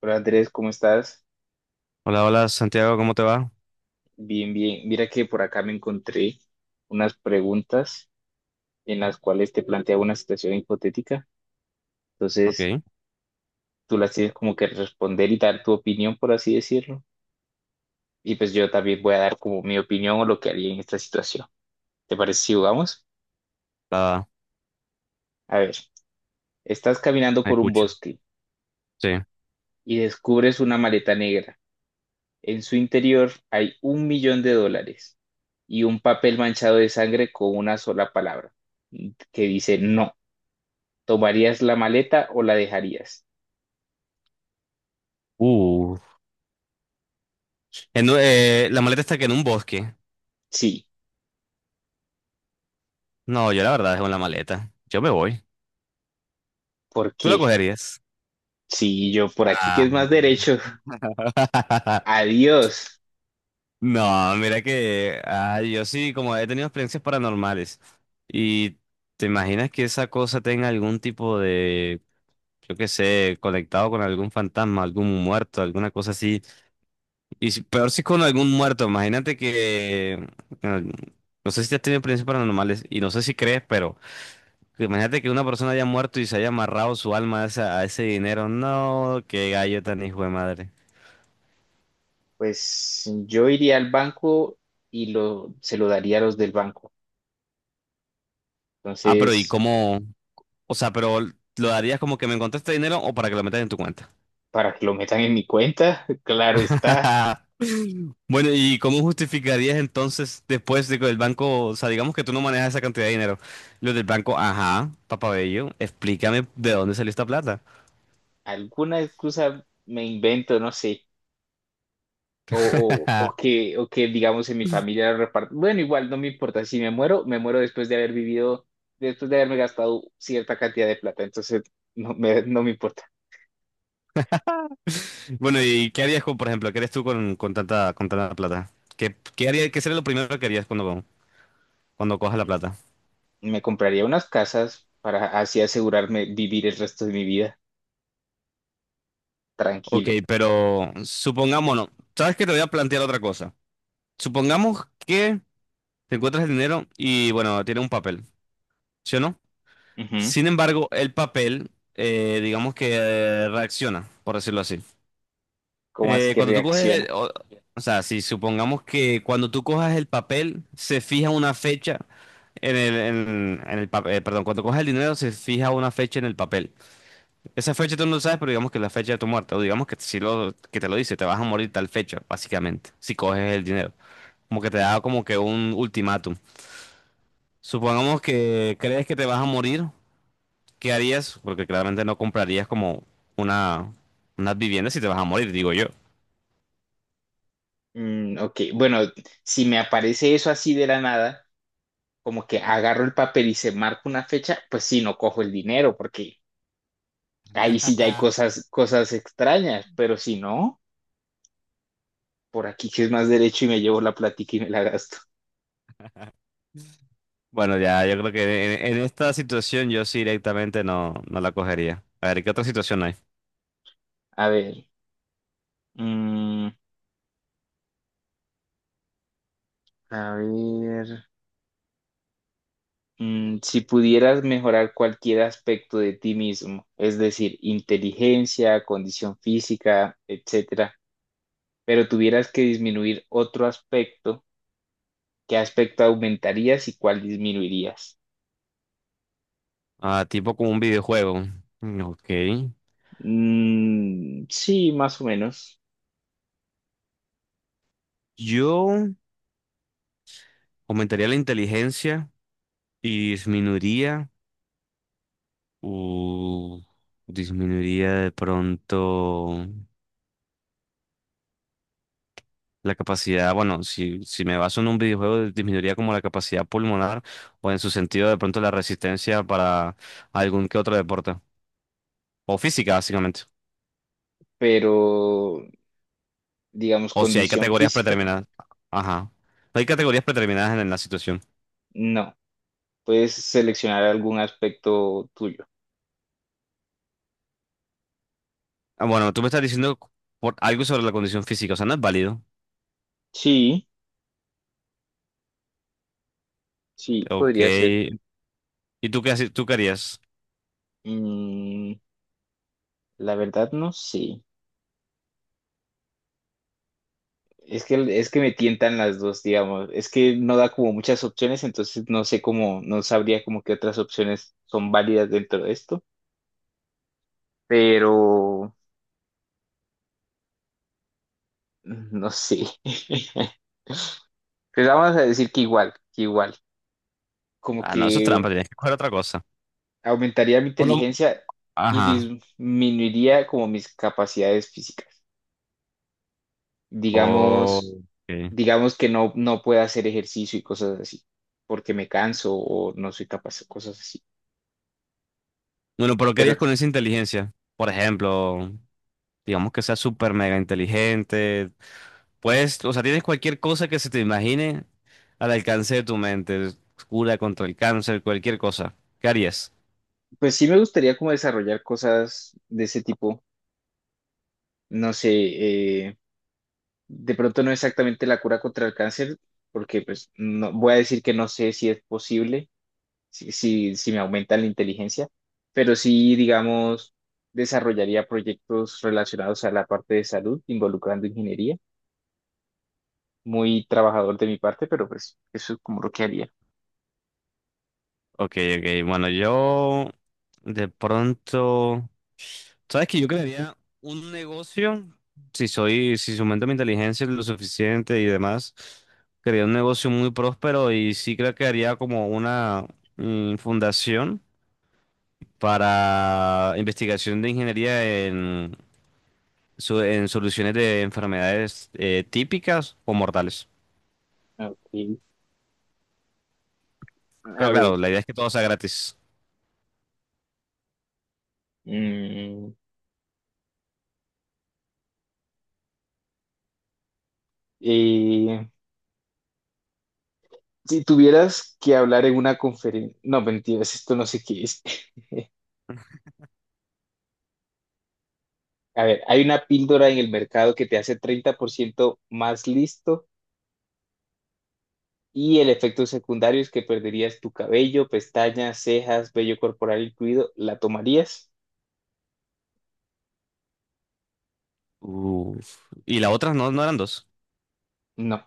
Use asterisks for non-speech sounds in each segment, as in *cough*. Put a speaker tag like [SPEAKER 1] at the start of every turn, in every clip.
[SPEAKER 1] Hola Andrés, ¿cómo estás?
[SPEAKER 2] Hola, hola Santiago, ¿cómo te va?
[SPEAKER 1] Bien, bien. Mira que por acá me encontré unas preguntas en las cuales te planteaba una situación hipotética.
[SPEAKER 2] Ok,
[SPEAKER 1] Entonces, tú las tienes como que responder y dar tu opinión, por así decirlo. Y pues yo también voy a dar como mi opinión o lo que haría en esta situación. ¿Te parece si jugamos?
[SPEAKER 2] la
[SPEAKER 1] A ver, estás caminando
[SPEAKER 2] la
[SPEAKER 1] por un
[SPEAKER 2] escucho.
[SPEAKER 1] bosque
[SPEAKER 2] Sí.
[SPEAKER 1] y descubres una maleta negra. En su interior hay $1.000.000 y un papel manchado de sangre con una sola palabra que dice no. ¿Tomarías la maleta o la dejarías?
[SPEAKER 2] Uh. La maleta está que en un bosque.
[SPEAKER 1] Sí,
[SPEAKER 2] No, yo la verdad dejo la maleta. Yo me voy.
[SPEAKER 1] ¿por
[SPEAKER 2] ¿Tú la
[SPEAKER 1] qué?
[SPEAKER 2] cogerías?
[SPEAKER 1] Sí, yo por aquí que
[SPEAKER 2] Ah.
[SPEAKER 1] es más derecho. *laughs*
[SPEAKER 2] *laughs*
[SPEAKER 1] Adiós.
[SPEAKER 2] No, mira que yo sí, como he tenido experiencias paranormales. ¿Y te imaginas que esa cosa tenga algún tipo de, yo qué sé, conectado con algún fantasma, algún muerto, alguna cosa así? Peor si con algún muerto, imagínate que bueno, no sé si te has tenido experiencias paranormales y no sé si crees, pero imagínate que una persona haya muerto y se haya amarrado su alma a, a ese dinero. No, qué gallo tan hijo de madre.
[SPEAKER 1] Pues yo iría al banco y se lo daría a los del banco.
[SPEAKER 2] Ah, pero ¿y
[SPEAKER 1] Entonces,
[SPEAKER 2] cómo? O sea, pero ¿lo darías como que me encontré este dinero o para que lo metas en tu cuenta?
[SPEAKER 1] para que lo metan en mi cuenta, *laughs* claro está.
[SPEAKER 2] *laughs* Bueno, ¿y cómo justificarías entonces después de que el banco, o sea, digamos que tú no manejas esa cantidad de dinero, los del banco, ajá, papabello, explícame de dónde salió esta plata?
[SPEAKER 1] Alguna excusa me invento, no sé. O que digamos en mi familia lo reparto. Bueno, igual no me importa. Si me muero, me muero después de haber vivido, después de haberme gastado cierta cantidad de plata. Entonces, no me importa.
[SPEAKER 2] Bueno, ¿y qué harías con, por ejemplo, qué harías tú con tanta plata? ¿Qué, qué sería lo primero que harías cuando, cuando cojas la plata?
[SPEAKER 1] Me compraría unas casas para así asegurarme vivir el resto de mi vida
[SPEAKER 2] Ok,
[SPEAKER 1] tranquilo.
[SPEAKER 2] pero supongámonos, ¿sabes que te voy a plantear otra cosa? Supongamos que te encuentras el dinero y, bueno, tiene un papel, ¿sí o no?
[SPEAKER 1] Ujú.
[SPEAKER 2] Sin embargo, el papel, digamos que reacciona, por decirlo así.
[SPEAKER 1] ¿Cómo así que
[SPEAKER 2] Cuando tú coges,
[SPEAKER 1] reacciona?
[SPEAKER 2] o sea, si supongamos que cuando tú cojas el papel, se fija una fecha en el, en el papel, perdón, cuando coges el dinero, se fija una fecha en el papel. Esa fecha tú no lo sabes, pero digamos que es la fecha de tu muerte, o digamos que si lo, que te lo dice, te vas a morir tal fecha, básicamente, si coges el dinero. Como que te da como que un ultimátum. Supongamos que crees que te vas a morir, ¿qué harías? Porque claramente no comprarías como una, unas viviendas si te vas a morir, digo yo.
[SPEAKER 1] Ok, bueno, si me aparece eso así de la nada, como que agarro el papel y se marca una fecha, pues sí, no cojo el dinero, porque ahí sí ya hay
[SPEAKER 2] *laughs*
[SPEAKER 1] cosas, extrañas, pero si no, por aquí que es más derecho y me llevo la plática y me la gasto.
[SPEAKER 2] Bueno, ya, yo creo que en esta situación yo sí directamente no, no la cogería. A ver, ¿qué otra situación hay?
[SPEAKER 1] A ver, mm, a ver. Mm, si pudieras mejorar cualquier aspecto de ti mismo, es decir, inteligencia, condición física, etcétera, pero tuvieras que disminuir otro aspecto, ¿qué aspecto aumentarías y cuál disminuirías?
[SPEAKER 2] Ah, tipo como un videojuego. Mm, ok.
[SPEAKER 1] Mm, sí, más o menos,
[SPEAKER 2] Yo aumentaría la inteligencia y disminuiría. Uh, disminuiría de pronto la capacidad. Bueno, si, si me baso en un videojuego, disminuiría como la capacidad pulmonar o en su sentido de pronto la resistencia para algún que otro deporte. O física, básicamente.
[SPEAKER 1] pero digamos,
[SPEAKER 2] O si hay
[SPEAKER 1] condición
[SPEAKER 2] categorías
[SPEAKER 1] física,
[SPEAKER 2] predeterminadas. Ajá. No hay categorías predeterminadas en, la situación.
[SPEAKER 1] no. Puedes seleccionar algún aspecto tuyo.
[SPEAKER 2] Ah, bueno, tú me estás diciendo por algo sobre la condición física, o sea, no es válido.
[SPEAKER 1] Sí, sí,
[SPEAKER 2] Ok.
[SPEAKER 1] podría ser.
[SPEAKER 2] ¿Y tú qué, tú qué harías?
[SPEAKER 1] Mm, la verdad no sé. Es que me tientan las dos, digamos. Es que no da como muchas opciones, entonces no sé cómo, no sabría como qué otras opciones son válidas dentro de esto, pero no sé. *laughs* Pues vamos a decir que igual, que igual. Como
[SPEAKER 2] Ah, no, eso es
[SPEAKER 1] que
[SPEAKER 2] trampa, tienes que coger otra cosa.
[SPEAKER 1] aumentaría mi
[SPEAKER 2] Por lo...
[SPEAKER 1] inteligencia y
[SPEAKER 2] Ajá.
[SPEAKER 1] disminuiría como mis capacidades físicas.
[SPEAKER 2] Oh,
[SPEAKER 1] Digamos,
[SPEAKER 2] ok.
[SPEAKER 1] digamos que no pueda hacer ejercicio y cosas así, porque me canso o no soy capaz cosas así.
[SPEAKER 2] Bueno, pero ¿qué
[SPEAKER 1] Pero
[SPEAKER 2] harías con esa inteligencia? Por ejemplo, digamos que sea súper mega inteligente. Pues, o sea, tienes cualquier cosa que se te imagine al alcance de tu mente. Cura contra el cáncer, cualquier cosa. ¿Qué harías?
[SPEAKER 1] pues sí me gustaría como desarrollar cosas de ese tipo. No sé, de pronto no exactamente la cura contra el cáncer, porque pues no, voy a decir que no sé si es posible, si me aumenta la inteligencia, pero sí, digamos, desarrollaría proyectos relacionados a la parte de salud, involucrando ingeniería. Muy trabajador de mi parte, pero pues eso es como lo que haría.
[SPEAKER 2] Ok, ok. Bueno, yo de pronto, ¿sabes que yo crearía un negocio, si soy, si aumento mi inteligencia lo suficiente y demás, crearía un negocio muy próspero y sí creo que haría como una fundación para investigación de ingeniería en, en soluciones de enfermedades típicas o mortales?
[SPEAKER 1] Ok,
[SPEAKER 2] Pero
[SPEAKER 1] a ver.
[SPEAKER 2] claro, la idea es que todo sea gratis.
[SPEAKER 1] Mm, eh, si tuvieras que hablar en una conferencia, no, mentiras, esto no sé qué es. *laughs* A ver, hay una píldora en el mercado que te hace 30% más listo y el efecto secundario es que perderías tu cabello, pestañas, cejas, vello corporal incluido. ¿La tomarías?
[SPEAKER 2] Uf. Y la otra no, no eran dos.
[SPEAKER 1] No.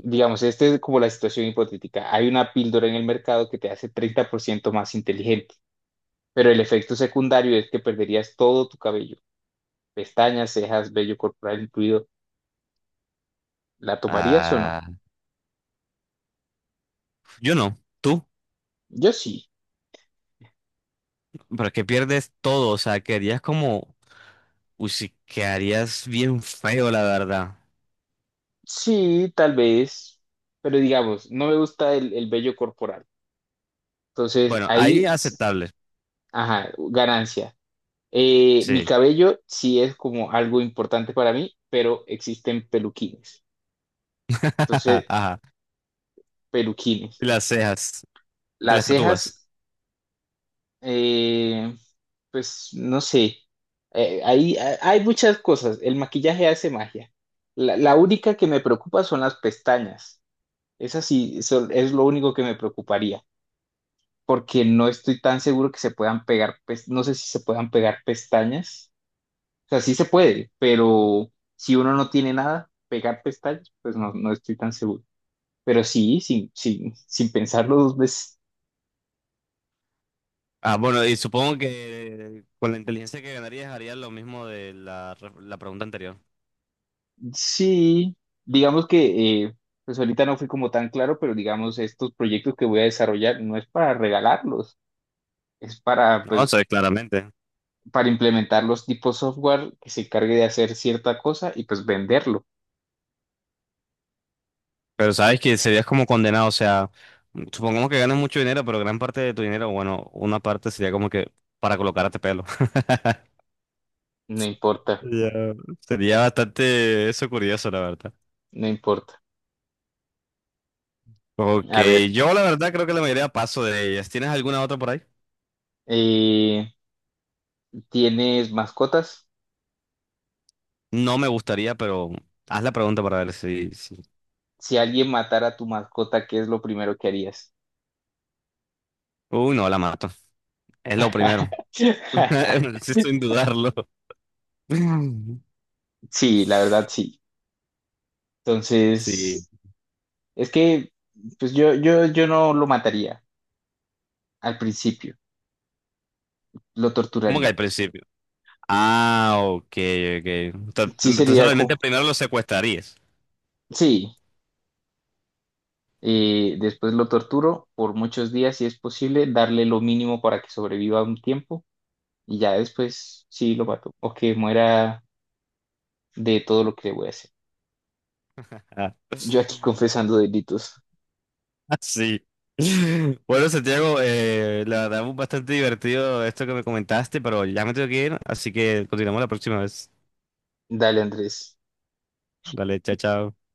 [SPEAKER 1] Digamos, esta es como la situación hipotética. Hay una píldora en el mercado que te hace 30% más inteligente, pero el efecto secundario es que perderías todo tu cabello, pestañas, cejas, vello corporal incluido. ¿La tomarías o no?
[SPEAKER 2] Ah, yo no. ¿Tú?
[SPEAKER 1] Yo sí.
[SPEAKER 2] Pero es que pierdes todo, o sea, quedarías como, uy, sí, quedarías bien feo, la verdad.
[SPEAKER 1] Sí, tal vez, pero digamos, no me gusta el vello corporal. Entonces,
[SPEAKER 2] Bueno, ahí
[SPEAKER 1] ahí, s-
[SPEAKER 2] aceptable,
[SPEAKER 1] ajá, ganancia. Mi
[SPEAKER 2] sí.
[SPEAKER 1] cabello sí es como algo importante para mí, pero existen peluquines.
[SPEAKER 2] *laughs*
[SPEAKER 1] Entonces,
[SPEAKER 2] Ajá.
[SPEAKER 1] peluquines.
[SPEAKER 2] Y las cejas, te
[SPEAKER 1] Las
[SPEAKER 2] las tatúas.
[SPEAKER 1] cejas, eh, pues no sé. Ahí a- hay muchas cosas. El maquillaje hace magia. La única que me preocupa son las pestañas. Esas sí, son, es lo único que me preocuparía, porque no estoy tan seguro que se puedan pegar, pes- no sé si se puedan pegar pestañas. O sea, sí se puede, pero si uno no tiene nada, pegar pestañas, pues no, no estoy tan seguro. Pero sí, sin pensarlo dos veces,
[SPEAKER 2] Ah, bueno, y supongo que con la inteligencia que ganarías harías lo mismo de la, la pregunta anterior.
[SPEAKER 1] sí, digamos que, pues ahorita no fui como tan claro, pero digamos, estos proyectos que voy a desarrollar no es para regalarlos, es para,
[SPEAKER 2] No,
[SPEAKER 1] pues,
[SPEAKER 2] sabes, claramente.
[SPEAKER 1] para implementar los tipos software que se encargue de hacer cierta cosa y pues venderlo.
[SPEAKER 2] Pero sabes que serías como condenado, o sea, supongamos que ganas mucho dinero, pero gran parte de tu dinero, bueno, una parte sería como que para colocarte pelo. *laughs*
[SPEAKER 1] No importa,
[SPEAKER 2] Ya. Sería bastante eso curioso, la verdad.
[SPEAKER 1] no importa.
[SPEAKER 2] Ok,
[SPEAKER 1] A ver.
[SPEAKER 2] yo la verdad creo que la mayoría paso de ellas. ¿Tienes alguna otra por ahí?
[SPEAKER 1] Eh, ¿Tienes mascotas?
[SPEAKER 2] No me gustaría, pero haz la pregunta para ver si.
[SPEAKER 1] Si alguien matara a tu mascota, ¿qué es lo primero que harías?
[SPEAKER 2] Uy, no, la mato. Es lo primero.
[SPEAKER 1] *laughs*
[SPEAKER 2] *laughs* Sí, sin dudarlo. *laughs*
[SPEAKER 1] Sí, la verdad sí.
[SPEAKER 2] Sí.
[SPEAKER 1] Entonces, es que pues yo no lo mataría al principio, lo
[SPEAKER 2] ¿Cómo que al
[SPEAKER 1] torturaría.
[SPEAKER 2] principio? Ah, ok, ok.
[SPEAKER 1] Sí
[SPEAKER 2] Entonces
[SPEAKER 1] sería
[SPEAKER 2] realmente
[SPEAKER 1] como,
[SPEAKER 2] primero lo secuestrarías.
[SPEAKER 1] sí, después lo torturo por muchos días si es posible, darle lo mínimo para que sobreviva un tiempo y ya después sí lo mato o que muera de todo lo que le voy a hacer.
[SPEAKER 2] Ah,
[SPEAKER 1] Yo aquí
[SPEAKER 2] *laughs*
[SPEAKER 1] confesando delitos.
[SPEAKER 2] sí. Bueno, Santiago, la verdad fue bastante divertido esto que me comentaste, pero ya me tengo que ir, así que continuamos la próxima vez.
[SPEAKER 1] Dale, Andrés.
[SPEAKER 2] Dale, chao, chao.